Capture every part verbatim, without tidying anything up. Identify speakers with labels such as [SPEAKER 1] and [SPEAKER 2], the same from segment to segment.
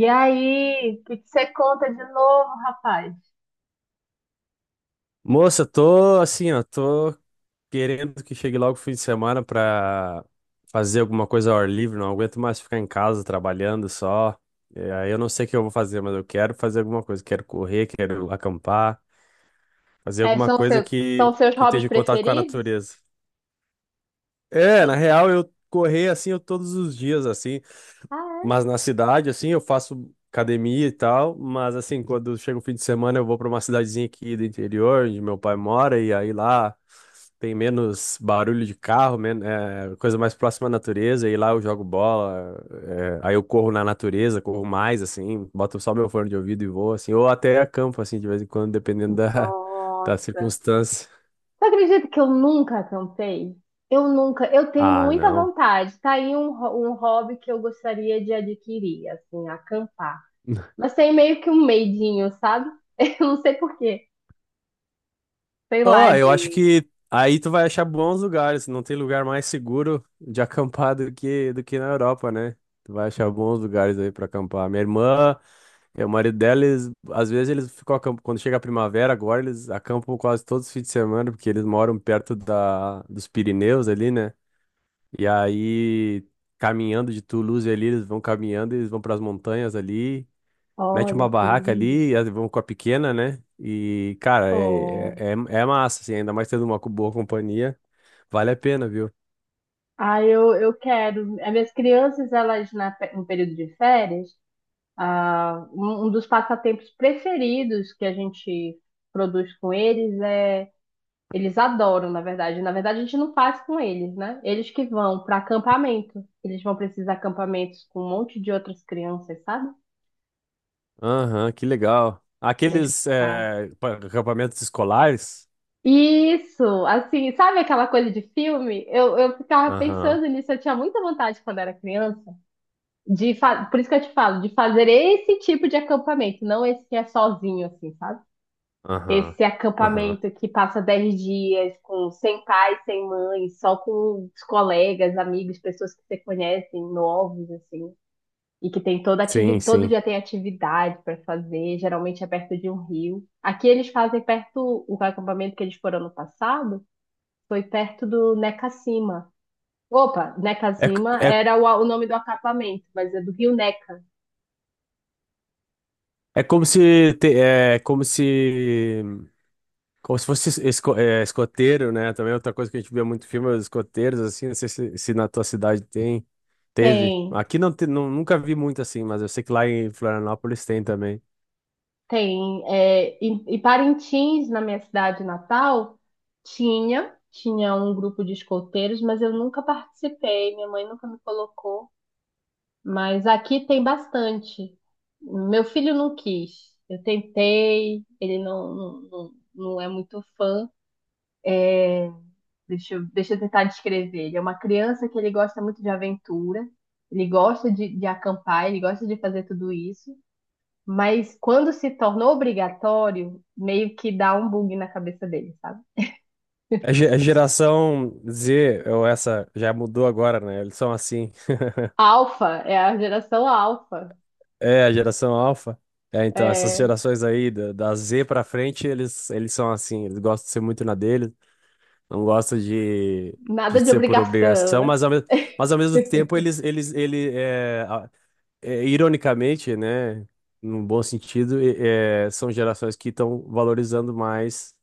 [SPEAKER 1] E aí, o que que você conta de novo, rapaz?
[SPEAKER 2] Moça, tô assim, ó, tô querendo que chegue logo o fim de semana pra fazer alguma coisa ao ar livre, não aguento mais ficar em casa trabalhando só. E aí eu não sei o que eu vou fazer, mas eu quero fazer alguma coisa, quero correr, quero acampar, fazer
[SPEAKER 1] É,
[SPEAKER 2] alguma
[SPEAKER 1] são,
[SPEAKER 2] coisa
[SPEAKER 1] seu, são
[SPEAKER 2] que
[SPEAKER 1] seus
[SPEAKER 2] que
[SPEAKER 1] hobbies
[SPEAKER 2] esteja em contato com a
[SPEAKER 1] preferidos?
[SPEAKER 2] natureza. É, na
[SPEAKER 1] São-
[SPEAKER 2] real, eu correr assim eu todos os dias assim.
[SPEAKER 1] Ah, é?
[SPEAKER 2] Mas na cidade, assim, eu faço academia e tal, mas assim, quando chega o fim de semana, eu vou para uma cidadezinha aqui do interior, onde meu pai mora, e aí lá tem menos barulho de carro, men é, coisa mais próxima à natureza, e lá eu jogo bola, é, aí eu corro na natureza, corro mais, assim, boto só meu fone de ouvido e vou, assim, ou até acampo, assim, de vez em quando, dependendo da, da
[SPEAKER 1] Nossa.
[SPEAKER 2] circunstância.
[SPEAKER 1] Você acredita que eu nunca acampei? Eu nunca, eu tenho
[SPEAKER 2] Ah,
[SPEAKER 1] muita
[SPEAKER 2] não.
[SPEAKER 1] vontade. Tá aí um, ho- um hobby que eu gostaria de adquirir, assim, acampar. Mas tem meio que um medinho, sabe? Eu não sei por quê. Sei lá,
[SPEAKER 2] Ó, eu acho
[SPEAKER 1] de.
[SPEAKER 2] que aí tu vai achar bons lugares. Não tem lugar mais seguro de acampar do que, do que na Europa, né? Tu vai achar bons lugares aí pra acampar. Minha irmã, eh, o marido dela, eles, às vezes eles ficam acampando. Quando chega a primavera, agora eles acampam quase todos os fins de semana, porque eles moram perto da, dos Pirineus ali, né? E aí, caminhando de Toulouse ali, eles vão caminhando, eles vão pras montanhas ali. Mete
[SPEAKER 1] Olha
[SPEAKER 2] uma
[SPEAKER 1] que
[SPEAKER 2] barraca
[SPEAKER 1] lindo.
[SPEAKER 2] ali, as- vão com a pequena, né? E, cara, é,
[SPEAKER 1] Oh.
[SPEAKER 2] é, é é massa, assim, ainda mais tendo uma co- boa companhia. Vale a pena, viu?
[SPEAKER 1] Ah, eu, eu quero. As minhas crianças, elas na, fe- no período de férias. Ah, um um dos passatempos preferidos que a gente produz com eles é. Eles adoram, na verdade. Na verdade, a gente não faz com eles, né? Eles que vão para acampamento. Eles vão para esses acampamentos com um monte de outras crianças, sabe?
[SPEAKER 2] Aham, que legal.
[SPEAKER 1] Eles
[SPEAKER 2] Aqueles
[SPEAKER 1] pa-
[SPEAKER 2] é, pa- acampamentos escolares?
[SPEAKER 1] Isso, assim, sabe aquela coisa de filme? Eu, eu ficava
[SPEAKER 2] Aham,
[SPEAKER 1] pensando nisso, eu tinha muita vontade quando era criança, de fa- por isso que eu te falo, de fazer esse tipo de acampamento, não esse que é sozinho, assim, sabe?
[SPEAKER 2] aham,
[SPEAKER 1] Esse
[SPEAKER 2] aham.
[SPEAKER 1] acampamento que passa dez dias com sem pai, sem mãe, só com os colegas, amigos, pessoas que você conhece, novos, assim. E que tem toda
[SPEAKER 2] Sim,
[SPEAKER 1] atividade, todo
[SPEAKER 2] sim.
[SPEAKER 1] dia tem atividade para fazer, geralmente é perto de um rio. Aqui eles fazem perto, o acampamento que eles foram ano passado foi perto do Neca Necacima. Opa, Neca
[SPEAKER 2] É, c-
[SPEAKER 1] Necacima
[SPEAKER 2] é,
[SPEAKER 1] era o, o nome do acampamento, mas é do Rio Neca.
[SPEAKER 2] é como se, te- é como se. Como se fosse esco- é, escoteiro, né? Também outra coisa que a gente vê muito em filme, é os escoteiros, assim, não sei se, se na tua cidade tem, teve.
[SPEAKER 1] Tem.
[SPEAKER 2] Aqui não, te- não- nunca vi muito assim, mas eu sei que lá em Florianópolis tem também.
[SPEAKER 1] Tem, é, e, e Parintins, na minha cidade natal, tinha, tinha um grupo de escoteiros, mas eu nunca participei, minha mãe nunca me colocou. Mas aqui tem bastante. Meu filho não quis. Eu tentei, ele não, não, não, não é muito fã. Deixa eu, deixa eu tentar descrever. Ele é uma criança que ele gosta muito de aventura, ele gosta de, de acampar, ele gosta de fazer tudo isso. Mas quando se tornou obrigatório, meio que dá um bug na cabeça dele, sabe?
[SPEAKER 2] A ge- a geração Z, ou essa, já mudou agora, né? Eles são assim.
[SPEAKER 1] Alfa, é a geração alfa.
[SPEAKER 2] É, a geração Alpha. É, então, essas
[SPEAKER 1] É,
[SPEAKER 2] gerações aí, da, da Z pra frente, eles, eles são assim, eles gostam de ser muito na deles, não gostam de, de
[SPEAKER 1] nada de
[SPEAKER 2] ser por
[SPEAKER 1] obrigação,
[SPEAKER 2] obrigação,
[SPEAKER 1] né?
[SPEAKER 2] mas ao mesmo mas ao mesmo tempo eles eles ele é, ironicamente, né, num bom sentido, e- é, são gerações que estão valorizando mais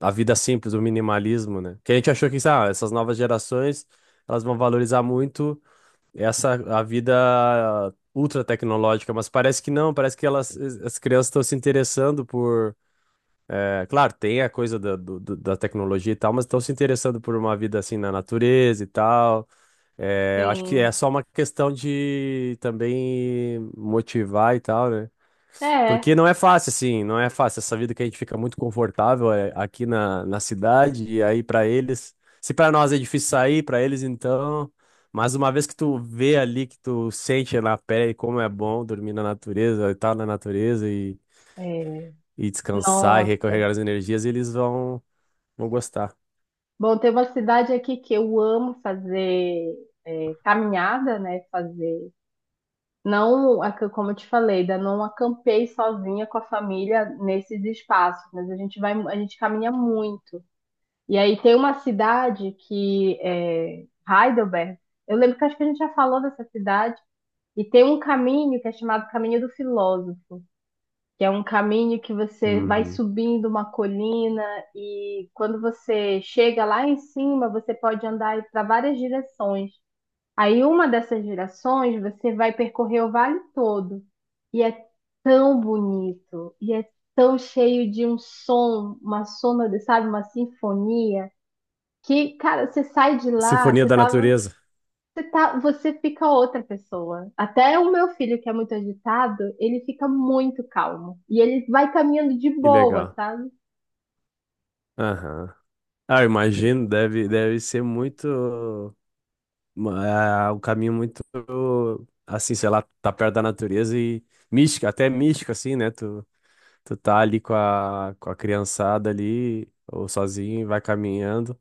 [SPEAKER 2] a vida simples, o minimalismo, né? Que a gente achou que, sabe, essas novas gerações, elas vão valorizar muito essa a vida ultra tecnológica, mas parece que não, parece que elas, as crianças estão se interessando por, é, claro, tem a coisa da, do- do- da tecnologia e tal, mas estão se interessando por uma vida assim na natureza e tal. É, eu acho que é
[SPEAKER 1] Sim.
[SPEAKER 2] só uma questão de também motivar e tal, né?
[SPEAKER 1] É,
[SPEAKER 2] Porque não é fácil, assim, não é fácil. Essa vida que a gente fica muito confortável é, aqui na, na cidade, e aí pra eles, se pra nós é difícil sair, pra eles então. Mas uma vez que tu vê ali, que tu sente na pele como é bom dormir na natureza, estar na natureza e,
[SPEAKER 1] é.
[SPEAKER 2] e descansar e
[SPEAKER 1] Nossa.
[SPEAKER 2] recarregar as energias, eles vão, vão gostar.
[SPEAKER 1] Bom, tem uma cidade aqui que eu amo fazer é, caminhada, né? Fazer. Não, a- como eu te falei, ainda não acampei sozinha com a família nesses espaços, mas a gente vai, a gente caminha muito. E aí tem uma cidade que é Heidelberg. Eu lembro que acho que a gente já falou dessa cidade. E tem um caminho que é chamado Caminho do Filósofo, que é um caminho que você vai
[SPEAKER 2] Uhum.
[SPEAKER 1] subindo uma colina e quando você chega lá em cima, você pode andar para várias direções. Aí uma dessas direções você vai percorrer o vale todo. E é tão bonito, e é tão cheio de um som, uma soma, sabe, uma sinfonia que, cara, você sai de lá,
[SPEAKER 2] Sinfonia
[SPEAKER 1] você
[SPEAKER 2] da
[SPEAKER 1] tava,
[SPEAKER 2] Natureza,
[SPEAKER 1] você tá, você fica outra pessoa. Até o meu filho, que é muito agitado, ele fica muito calmo. E ele vai caminhando de
[SPEAKER 2] que
[SPEAKER 1] boa,
[SPEAKER 2] legal.
[SPEAKER 1] sabe?
[SPEAKER 2] Aham. Ah, eu imagino, deve, deve ser muito. Uma- ah, um caminho muito. Assim, sei lá, tá perto da natureza e mística, até mística, assim, né? Tu, tu tá ali com a, com a criançada ali, ou sozinho, e vai caminhando.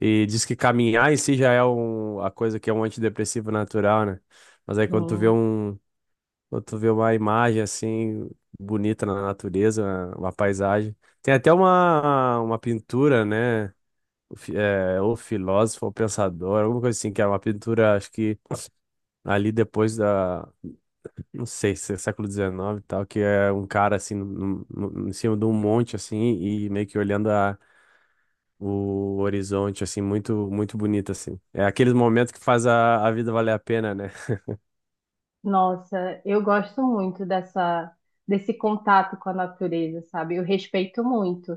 [SPEAKER 2] E diz que caminhar em si já é um, a coisa que é um antidepressivo natural, né? Mas aí quando tu vê
[SPEAKER 1] Hum.
[SPEAKER 2] um, quando tu vê uma imagem assim, bonita na natureza, uma paisagem. Tem até uma, uma pintura, né? O, fi- é, o filósofo, o pensador, alguma coisa assim, que era uma pintura, acho que ali depois da, não sei, se é século dezenove e tal, que é um cara assim, num- num- em cima de um monte assim, e meio que olhando a, o horizonte, assim, muito, muito bonito, assim. É aqueles momentos que faz a, a vida valer a pena, né?
[SPEAKER 1] Nossa, eu gosto muito dessa, desse contato com a natureza, sabe? Eu respeito muito.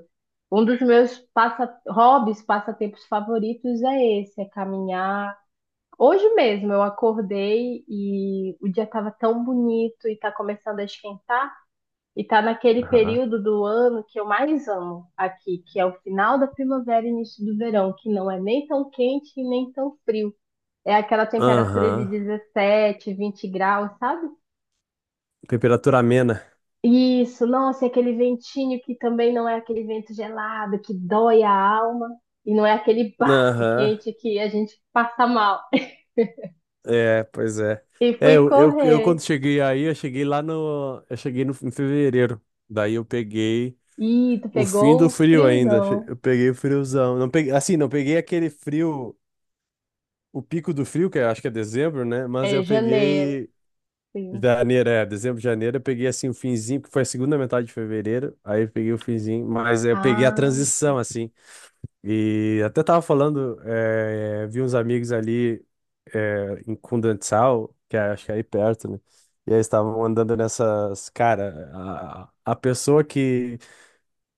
[SPEAKER 1] Um dos meus passa, hobbies, passatempos favoritos é esse, é caminhar. Hoje mesmo eu acordei e o dia estava tão bonito e está começando a esquentar e está naquele
[SPEAKER 2] Aham.
[SPEAKER 1] período do ano que eu mais amo aqui, que é o final da primavera e início do verão, que não é nem tão quente e nem tão frio. É aquela temperatura de
[SPEAKER 2] Aham.
[SPEAKER 1] dezessete, vinte graus, sabe?
[SPEAKER 2] Temperatura amena.
[SPEAKER 1] Isso, nossa, e aquele ventinho que também não é aquele vento gelado que dói a alma e não é aquele bafo
[SPEAKER 2] Aham.
[SPEAKER 1] quente que a gente passa mal.
[SPEAKER 2] É, pois é.
[SPEAKER 1] E
[SPEAKER 2] É,
[SPEAKER 1] fui
[SPEAKER 2] eu, eu, eu quando
[SPEAKER 1] correr.
[SPEAKER 2] cheguei aí, eu cheguei lá no. Eu cheguei no, em fevereiro. Daí eu peguei.
[SPEAKER 1] Ih, tu
[SPEAKER 2] O fim do
[SPEAKER 1] pegou o
[SPEAKER 2] frio ainda. Che-
[SPEAKER 1] friozão.
[SPEAKER 2] Eu peguei o friozão. Não peguei, assim, não peguei aquele frio, o pico do frio, que eu acho que é dezembro, né? Mas
[SPEAKER 1] É
[SPEAKER 2] eu
[SPEAKER 1] janeiro,
[SPEAKER 2] peguei
[SPEAKER 1] sim.
[SPEAKER 2] janeiro, é, dezembro, janeiro, eu peguei assim o finzinho, que foi a segunda metade de fevereiro. Aí eu peguei o finzinho, mas eu peguei a
[SPEAKER 1] Ah,
[SPEAKER 2] transição, assim. E até tava falando, é, vi uns amigos ali é, em Kundanzau, que é, acho que é aí perto, né? E aí eles estavam andando nessas, cara, a, a pessoa que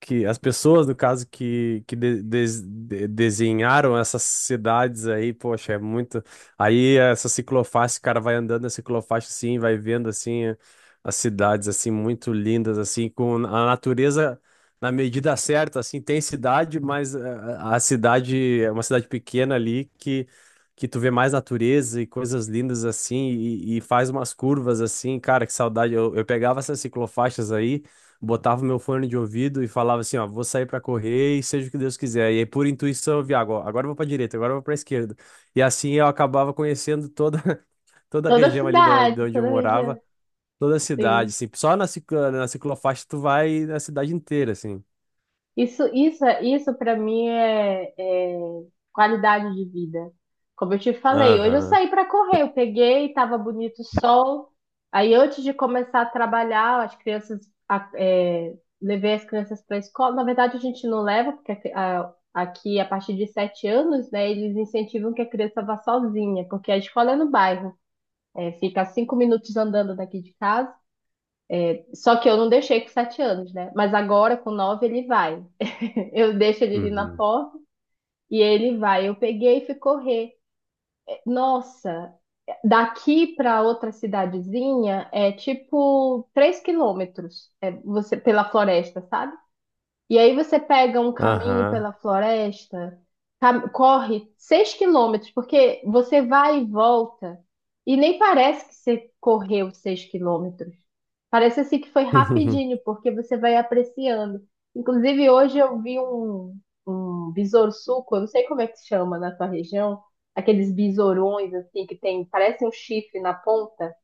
[SPEAKER 2] que as pessoas, no caso, que, que de- des- de- desenharam essas cidades aí, poxa, é muito. Aí essa ciclofaixa, o cara vai andando na ciclofaixa assim, vai vendo assim eh, as cidades assim muito lindas assim, com a natureza na medida certa, assim, tem cidade, mas eh, a, a cidade é uma cidade pequena ali que que tu vê mais natureza e coisas lindas assim e, e faz umas curvas assim, cara, que saudade. Eu, eu pegava essas ciclofaixas aí, botava meu fone de ouvido e falava assim, ó, vou sair pra correr e seja o que Deus quiser. E aí, por intuição, eu via, agora, agora eu vou pra direita, agora eu vou pra esquerda. E assim eu acabava conhecendo toda, toda a
[SPEAKER 1] toda a
[SPEAKER 2] região ali da onde,
[SPEAKER 1] cidade,
[SPEAKER 2] de onde eu
[SPEAKER 1] toda a
[SPEAKER 2] morava,
[SPEAKER 1] região,
[SPEAKER 2] toda a cidade,
[SPEAKER 1] sim.
[SPEAKER 2] assim. Só na, ciclo, na ciclofaixa tu vai na cidade inteira, assim.
[SPEAKER 1] Isso, isso, é- isso para mim é, é qualidade de vida. Como eu te falei, hoje eu
[SPEAKER 2] Aham,
[SPEAKER 1] saí para correr, eu peguei, estava bonito o sol. Aí antes de começar a trabalhar, as crianças, a- é, levei as crianças para a escola. Na verdade, a gente não leva, porque aqui, a- aqui a partir de sete anos, né, eles incentivam que a criança vá sozinha, porque a escola é no bairro. É, fica a cinco minutos andando daqui de casa. Só que eu não deixei com sete anos, né? Mas agora, com nove, ele vai. Eu deixo ele ali na
[SPEAKER 2] uhum,
[SPEAKER 1] porta e ele vai. Eu peguei e fui correr. Nossa, daqui para outra cidadezinha é tipo três quilômetros é, você, pela floresta, sabe? E aí você pega um caminho
[SPEAKER 2] aham,
[SPEAKER 1] pela floresta, cam- corre seis quilômetros, porque você vai e volta, e nem parece que você correu seis quilômetros. Parece assim que foi rapidinho, porque você vai apreciando. Inclusive, hoje eu vi um, um besouro suco, eu não sei como é que se chama na tua região, aqueles besourões assim que tem, parece um chifre na ponta,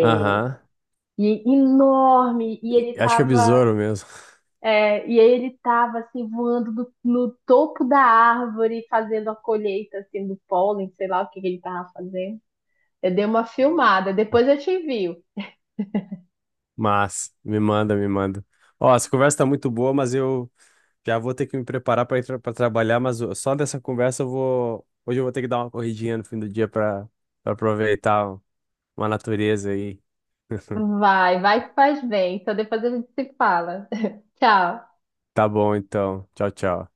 [SPEAKER 2] aham.
[SPEAKER 1] e enorme, e ele
[SPEAKER 2] Acho que é
[SPEAKER 1] tava.
[SPEAKER 2] besouro mesmo.
[SPEAKER 1] É, e aí ele estava assim, voando do- no topo da árvore, fazendo a colheita assim, do pólen, sei lá o que que ele estava fazendo. Eu dei uma filmada, depois eu te envio.
[SPEAKER 2] Mas, me manda, me manda. Ó, essa conversa tá muito boa, mas eu. Já vou ter que me preparar para ir para trabalhar, mas o- só dessa conversa eu vou. Hoje eu vou ter que dar uma corridinha no fim do dia para aproveitar uma natureza aí.
[SPEAKER 1] Vai, vai que faz bem. Então depois a gente se fala. Tchau.
[SPEAKER 2] Tá bom, então. Tchau, tchau.